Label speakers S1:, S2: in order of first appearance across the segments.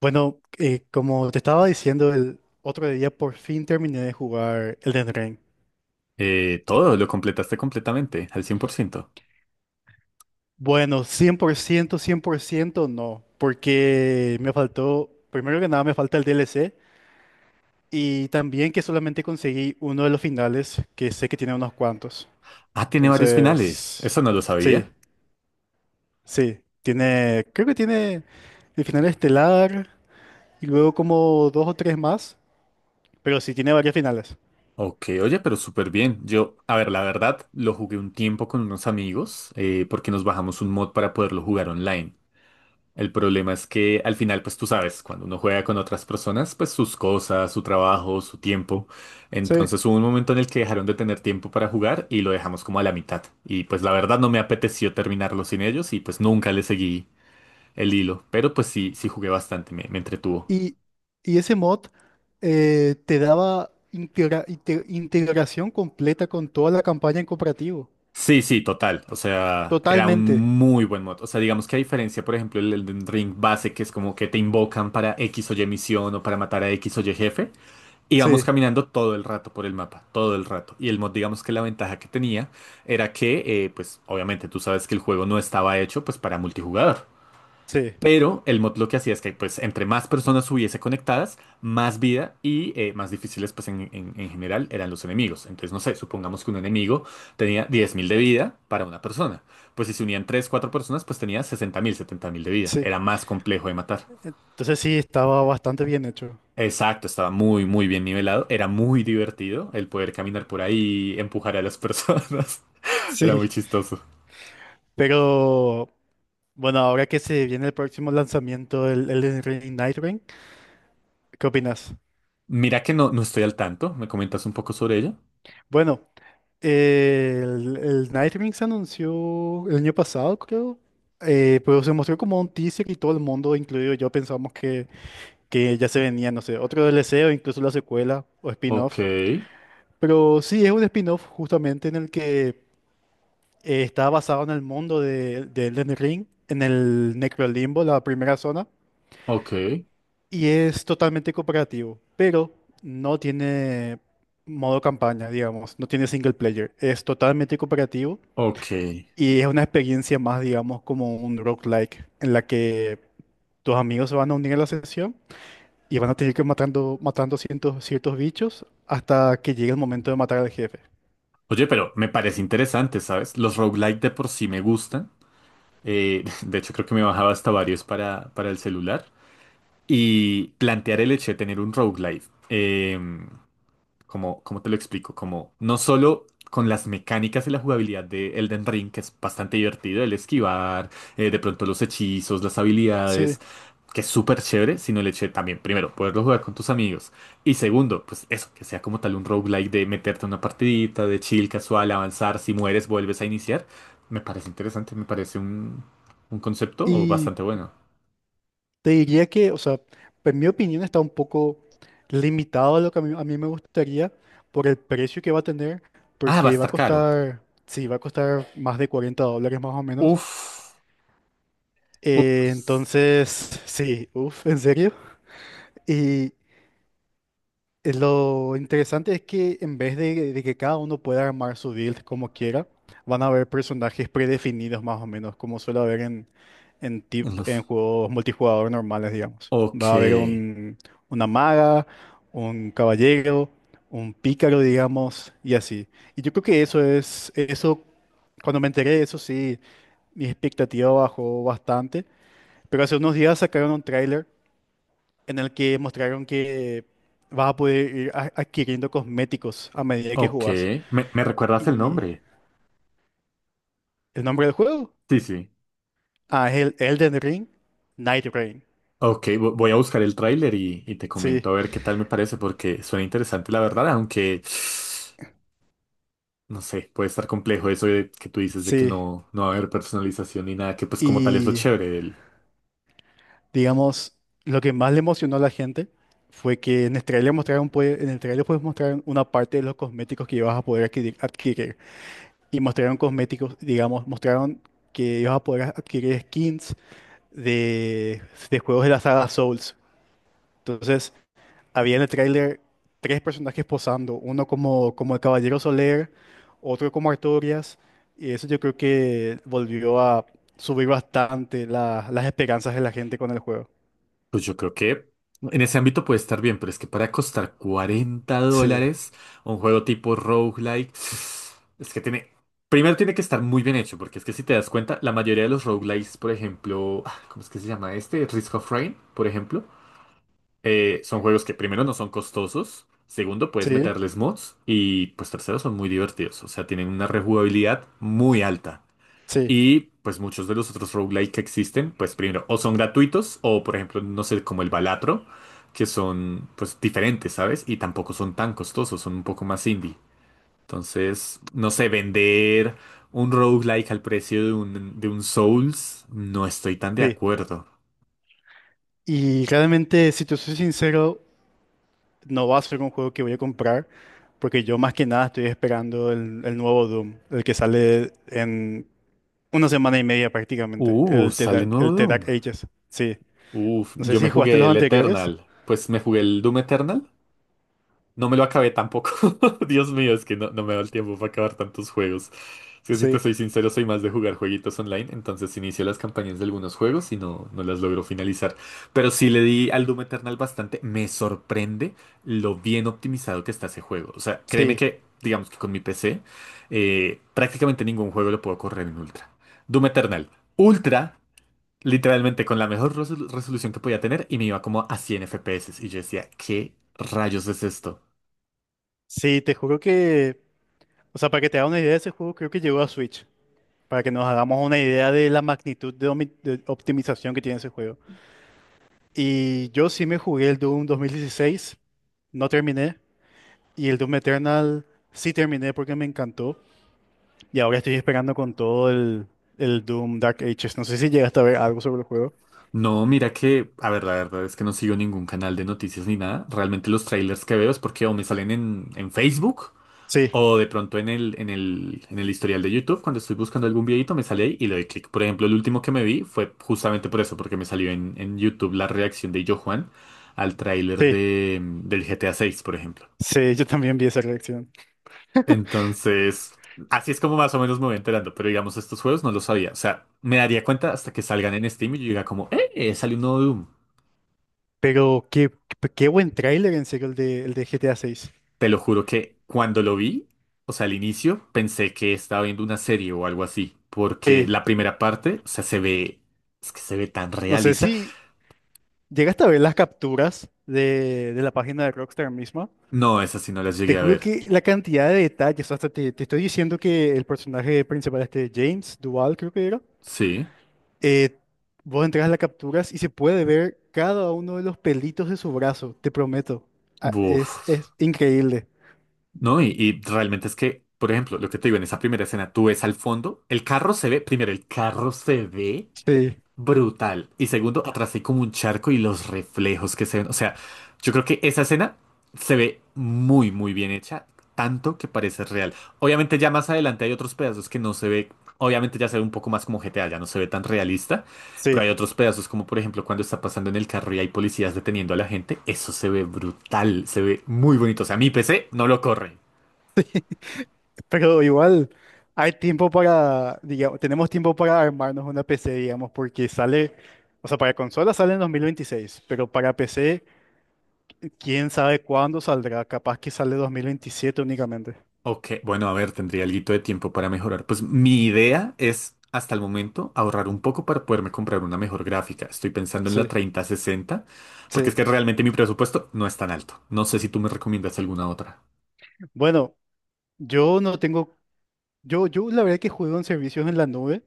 S1: Bueno, como te estaba diciendo, el otro día por fin terminé de jugar Elden Ring.
S2: Lo completaste completamente, al 100%.
S1: Bueno, cien por ciento, cien por ciento, no, porque me faltó, primero que nada me falta el DLC y también que solamente conseguí uno de los finales, que sé que tiene unos cuantos.
S2: Ah, tiene varios finales.
S1: Entonces,
S2: Eso no lo
S1: sí,
S2: sabía.
S1: sí, tiene, creo que tiene el final estelar y luego como dos o tres más, pero sí tiene varios finales.
S2: Ok, oye, pero súper bien. Yo, a ver, la verdad, lo jugué un tiempo con unos amigos porque nos bajamos un mod para poderlo jugar online. El problema es que al final, pues tú sabes, cuando uno juega con otras personas, pues sus cosas, su trabajo, su tiempo.
S1: Sí.
S2: Entonces hubo un momento en el que dejaron de tener tiempo para jugar y lo dejamos como a la mitad. Y pues la verdad no me apeteció terminarlo sin ellos y pues nunca le seguí el hilo, pero pues sí, sí jugué bastante, me entretuvo.
S1: Y, y ese mod te daba integración completa con toda la campaña en cooperativo.
S2: Sí, sí, total. O sea, era un
S1: Totalmente.
S2: muy buen mod. O sea, digamos que a diferencia, por ejemplo, el Elden Ring base, que es como que te invocan para X o Y misión o para matar a X o Y jefe, íbamos
S1: Sí,
S2: caminando todo el rato por el mapa, todo el rato. Y el mod, digamos que la ventaja que tenía era que, pues obviamente tú sabes que el juego no estaba hecho pues para multijugador.
S1: sí,
S2: Pero el mod lo que hacía es que pues entre más personas hubiese conectadas, más vida y más difíciles pues en general eran los enemigos. Entonces, no sé, supongamos que un enemigo tenía 10.000 de vida para una persona. Pues si se unían 3 4 personas, pues tenía 60.000 70.000 de vida.
S1: sí.
S2: Era más complejo de matar.
S1: Entonces sí, estaba bastante bien hecho.
S2: Exacto, estaba muy, muy bien nivelado. Era muy divertido el poder caminar por ahí, empujar a las personas. Era muy
S1: Sí.
S2: chistoso.
S1: Pero bueno, ahora que se viene el próximo lanzamiento, el Ring Night Ring, ¿qué opinas?
S2: Mira que no, no estoy al tanto. ¿Me comentas un poco sobre ello?
S1: Bueno, el Night Ring se anunció el año pasado, creo. Pero se mostró como un teaser y todo el mundo, incluido yo, pensamos que ya se venía, no sé, otro DLC o incluso la secuela o
S2: Ok,
S1: spin-off. Pero sí, es un spin-off justamente en el que está basado en el mundo de Elden Ring, en el Necrolimbo, la primera zona,
S2: ok,
S1: y es totalmente cooperativo, pero no tiene modo campaña, digamos, no tiene single player, es totalmente cooperativo
S2: ok.
S1: y es una experiencia más, digamos, como un roguelike, en la que tus amigos se van a unir a la sesión. Y van a tener que ir matando, matando ciertos bichos hasta que llegue el momento de matar al jefe.
S2: Oye, pero me parece interesante, ¿sabes? Los roguelike de por sí me gustan. De hecho, creo que me bajaba hasta varios para el celular. Y plantear el hecho de tener un roguelike. Como, ¿cómo te lo explico? Como no solo con las mecánicas y la jugabilidad de Elden Ring, que es bastante divertido, el esquivar, de pronto los hechizos, las
S1: Sí.
S2: habilidades, que es súper chévere, sino el hecho de también, primero, poderlo jugar con tus amigos. Y segundo, pues eso, que sea como tal un roguelike de meterte a una partidita, de chill, casual, avanzar, si mueres, vuelves a iniciar. Me parece interesante, me parece un concepto
S1: Y
S2: bastante bueno.
S1: te diría que, o sea, en mi opinión está un poco limitado a lo que a mí me gustaría por el precio que va a tener,
S2: Ah, va a
S1: porque va a
S2: estar caro.
S1: costar, sí, va a costar más de $40 más o menos.
S2: Uf. Uf, pues,
S1: Entonces, sí, uff, ¿en serio? Y lo interesante es que en vez de que cada uno pueda armar su build como quiera, van a haber personajes predefinidos más o menos, como suele haber en, en
S2: los-
S1: juegos multijugador normales, digamos.
S2: Ok.
S1: Va a haber un, una maga, un caballero, un pícaro, digamos, y así. Y yo creo que eso es, eso, cuando me enteré de eso, sí, mi expectativa bajó bastante, pero hace unos días sacaron un tráiler en el que mostraron que vas a poder ir adquiriendo cosméticos a medida que
S2: Ok,
S1: jugás.
S2: ¿me, me recuerdas el
S1: ¿Y
S2: nombre?
S1: el nombre del juego?
S2: Sí, sí.
S1: Ah, es el Elden Ring Night Rain.
S2: Ok, voy a buscar el tráiler y te comento
S1: Sí,
S2: a ver qué tal me parece, porque suena interesante la verdad, aunque no sé, puede estar complejo eso de que tú dices de que
S1: sí.
S2: no, no va a haber personalización ni nada, que pues como tal es lo
S1: Y
S2: chévere.
S1: digamos, lo que más le emocionó a la gente fue que en el trailer mostraron, pues, en el trailer pues mostraron una parte de los cosméticos que ibas a poder adquirir, adquirir. Y mostraron cosméticos, digamos, mostraron que ibas a poder adquirir skins de, de juegos de la saga Souls. Entonces, había en el tráiler tres personajes posando, uno como, como el Caballero Soler, otro como Artorias, y eso yo creo que volvió a subir bastante las esperanzas de la gente con el juego.
S2: Pues yo creo que en ese ámbito puede estar bien, pero es que para costar cuarenta
S1: Sí,
S2: dólares un juego tipo roguelike, es que tiene... Primero tiene que estar muy bien hecho, porque es que si te das cuenta, la mayoría de los roguelikes, por ejemplo, ah, ¿cómo es que se llama este? Risk of Rain, por ejemplo, son juegos que primero no son costosos, segundo puedes
S1: sí,
S2: meterles mods y pues tercero son muy divertidos, o sea, tienen una rejugabilidad muy alta.
S1: sí,
S2: Y pues muchos de los otros roguelike que existen, pues primero, o son gratuitos, o por ejemplo, no sé, como el Balatro, que son pues diferentes, ¿sabes? Y tampoco son tan costosos, son un poco más indie. Entonces, no sé, vender un roguelike al precio de un Souls, no estoy tan de
S1: sí.
S2: acuerdo.
S1: Y realmente, si te soy sincero, no va a ser un juego que voy a comprar, porque yo más que nada estoy esperando el nuevo Doom, el que sale en una semana y media prácticamente,
S2: Sale nuevo
S1: El The Dark
S2: Doom.
S1: Ages. Sí.
S2: Uf,
S1: No sé
S2: yo me
S1: si jugaste
S2: jugué
S1: los
S2: el
S1: anteriores.
S2: Eternal. Pues me jugué el Doom Eternal. No me lo acabé tampoco. Dios mío, es que no, no me da el tiempo para acabar tantos juegos. Es que si te
S1: Sí.
S2: soy sincero, soy más de jugar jueguitos online, entonces si inicio las campañas de algunos juegos y no, no las logro finalizar. Pero sí le di al Doom Eternal bastante. Me sorprende lo bien optimizado que está ese juego. O sea, créeme
S1: Sí,
S2: que, digamos que con mi PC, prácticamente ningún juego lo puedo correr en Ultra. Doom Eternal. Ultra, literalmente con la mejor resolución que podía tener y me iba como a 100 FPS. Y yo decía, ¿qué rayos es esto?
S1: sí, te juro que, o sea, para que te haga una idea de ese juego, creo que llegó a Switch, para que nos hagamos una idea de la magnitud de, de optimización que tiene ese juego. Y yo sí me jugué el Doom 2016, no terminé, y el Doom Eternal sí terminé porque me encantó, y ahora estoy esperando con todo el Doom Dark Ages. No sé si llegaste a ver algo sobre el juego.
S2: No, mira que, a ver, la verdad es que no sigo ningún canal de noticias ni nada. Realmente los trailers que veo es porque o me salen en Facebook
S1: Sí,
S2: o de pronto en el historial de YouTube. Cuando estoy buscando algún videito me sale ahí y le doy clic. Por ejemplo, el último que me vi fue justamente por eso, porque me salió en YouTube la reacción de Yo Juan al tráiler
S1: sí,
S2: de, del GTA 6, por ejemplo.
S1: sí, yo también vi esa reacción.
S2: Entonces, así es como más o menos me voy enterando, pero digamos, estos juegos no los sabía. O sea, me daría cuenta hasta que salgan en Steam y yo diga como, ¡eh! Salió un nuevo Doom.
S1: Pero qué, qué buen tráiler en serio el de GTA 6.
S2: Te lo juro que cuando lo vi, o sea, al inicio, pensé que estaba viendo una serie o algo así, porque
S1: Sí,
S2: la primera parte, o sea, es que se ve tan
S1: no sé
S2: realista.
S1: si... Llegaste a ver las capturas de la página de Rockstar misma.
S2: No, esas sí no las
S1: Te
S2: llegué a
S1: juro
S2: ver.
S1: que la cantidad de detalles, hasta te estoy diciendo que el personaje principal, este James Duval, creo que era,
S2: Sí,
S1: eh, vos entras a las capturas y se puede ver cada uno de los pelitos de su brazo, te prometo. Ah, es,
S2: buf.
S1: es increíble.
S2: No, y realmente es que, por ejemplo, lo que te digo en esa primera escena, tú ves al fondo, el carro se ve, primero, el carro se ve
S1: Sí,
S2: brutal. Y segundo, atrás hay como un charco y los reflejos que se ven. O sea, yo creo que esa escena se ve muy, muy bien hecha, tanto que parece real. Obviamente ya más adelante hay otros pedazos que no se ve, obviamente ya se ve un poco más como GTA, ya no se ve tan realista, pero
S1: sí,
S2: hay otros pedazos como por ejemplo cuando está pasando en el carro y hay policías deteniendo a la gente, eso se ve brutal, se ve muy bonito. O sea, mi PC no lo corre.
S1: sí. Pero igual hay tiempo para, digamos, tenemos tiempo para armarnos una PC, digamos, porque sale, o sea, para consola sale en 2026, pero para PC... quién sabe cuándo saldrá, capaz que sale 2027 únicamente.
S2: Ok, bueno, a ver, tendría algo de tiempo para mejorar. Pues mi idea es, hasta el momento, ahorrar un poco para poderme comprar una mejor gráfica. Estoy pensando en la
S1: Sí,
S2: 3060, porque es
S1: sí.
S2: que realmente mi presupuesto no es tan alto. No sé si tú me recomiendas alguna otra.
S1: Bueno, yo no tengo, yo la verdad que juego en servicios en la nube,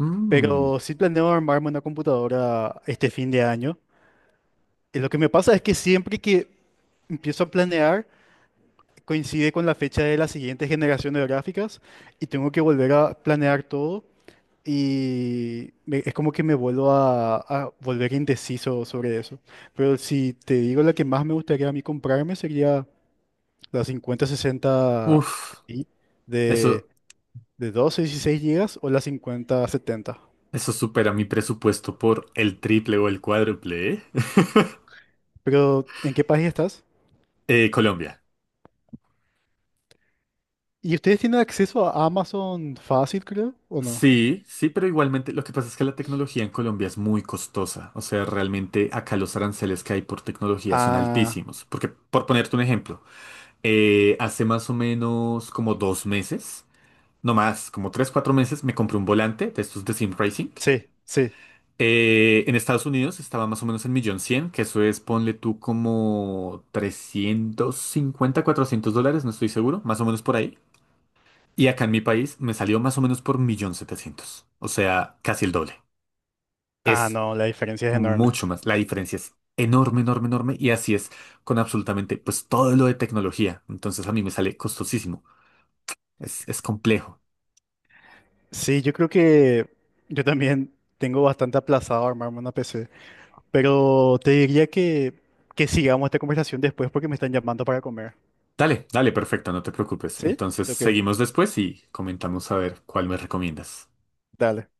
S2: Mm,
S1: pero sí planeo armarme una computadora este fin de año. Y lo que me pasa es que siempre que empiezo a planear, coincide con la fecha de la siguiente generación de gráficas y tengo que volver a planear todo. Y es como que me vuelvo a volver indeciso sobre eso. Pero si te digo la que más me gustaría a mí comprarme sería la 5060
S2: uf,
S1: Ti de,
S2: eso,
S1: de 12 y 16 GB o la 5070.
S2: eso supera mi presupuesto por el triple o el cuádruple, ¿eh?
S1: Pero ¿en qué país estás?
S2: Colombia.
S1: ¿Y ustedes tienen acceso a Amazon fácil, creo, o no?
S2: Sí, sí, pero igualmente lo que pasa es que la tecnología en Colombia es muy costosa. O sea, realmente acá los aranceles que hay por tecnología son
S1: Ah,
S2: altísimos. Porque, por ponerte un ejemplo, hace más o menos como 2 meses, no más, como 3, 4 meses, me compré un volante de estos de Sim Racing.
S1: sí, sí.
S2: En Estados Unidos estaba más o menos en 1.100.000, que eso es, ponle tú como $350 $400, no estoy seguro, más o menos por ahí. Y acá en mi país me salió más o menos por 1.700.000, o sea, casi el doble.
S1: Ah,
S2: Es
S1: no, la diferencia es enorme.
S2: mucho más. La diferencia es enorme, enorme, enorme. Y así es con absolutamente pues todo lo de tecnología. Entonces a mí me sale costosísimo. Es complejo.
S1: Sí, yo creo que yo también tengo bastante aplazado armarme una PC. Pero te diría que, sigamos esta conversación después porque me están llamando para comer.
S2: Dale, dale, perfecto, no te preocupes.
S1: ¿Sí?
S2: Entonces
S1: Ok,
S2: seguimos después y comentamos a ver cuál me recomiendas.
S1: dale.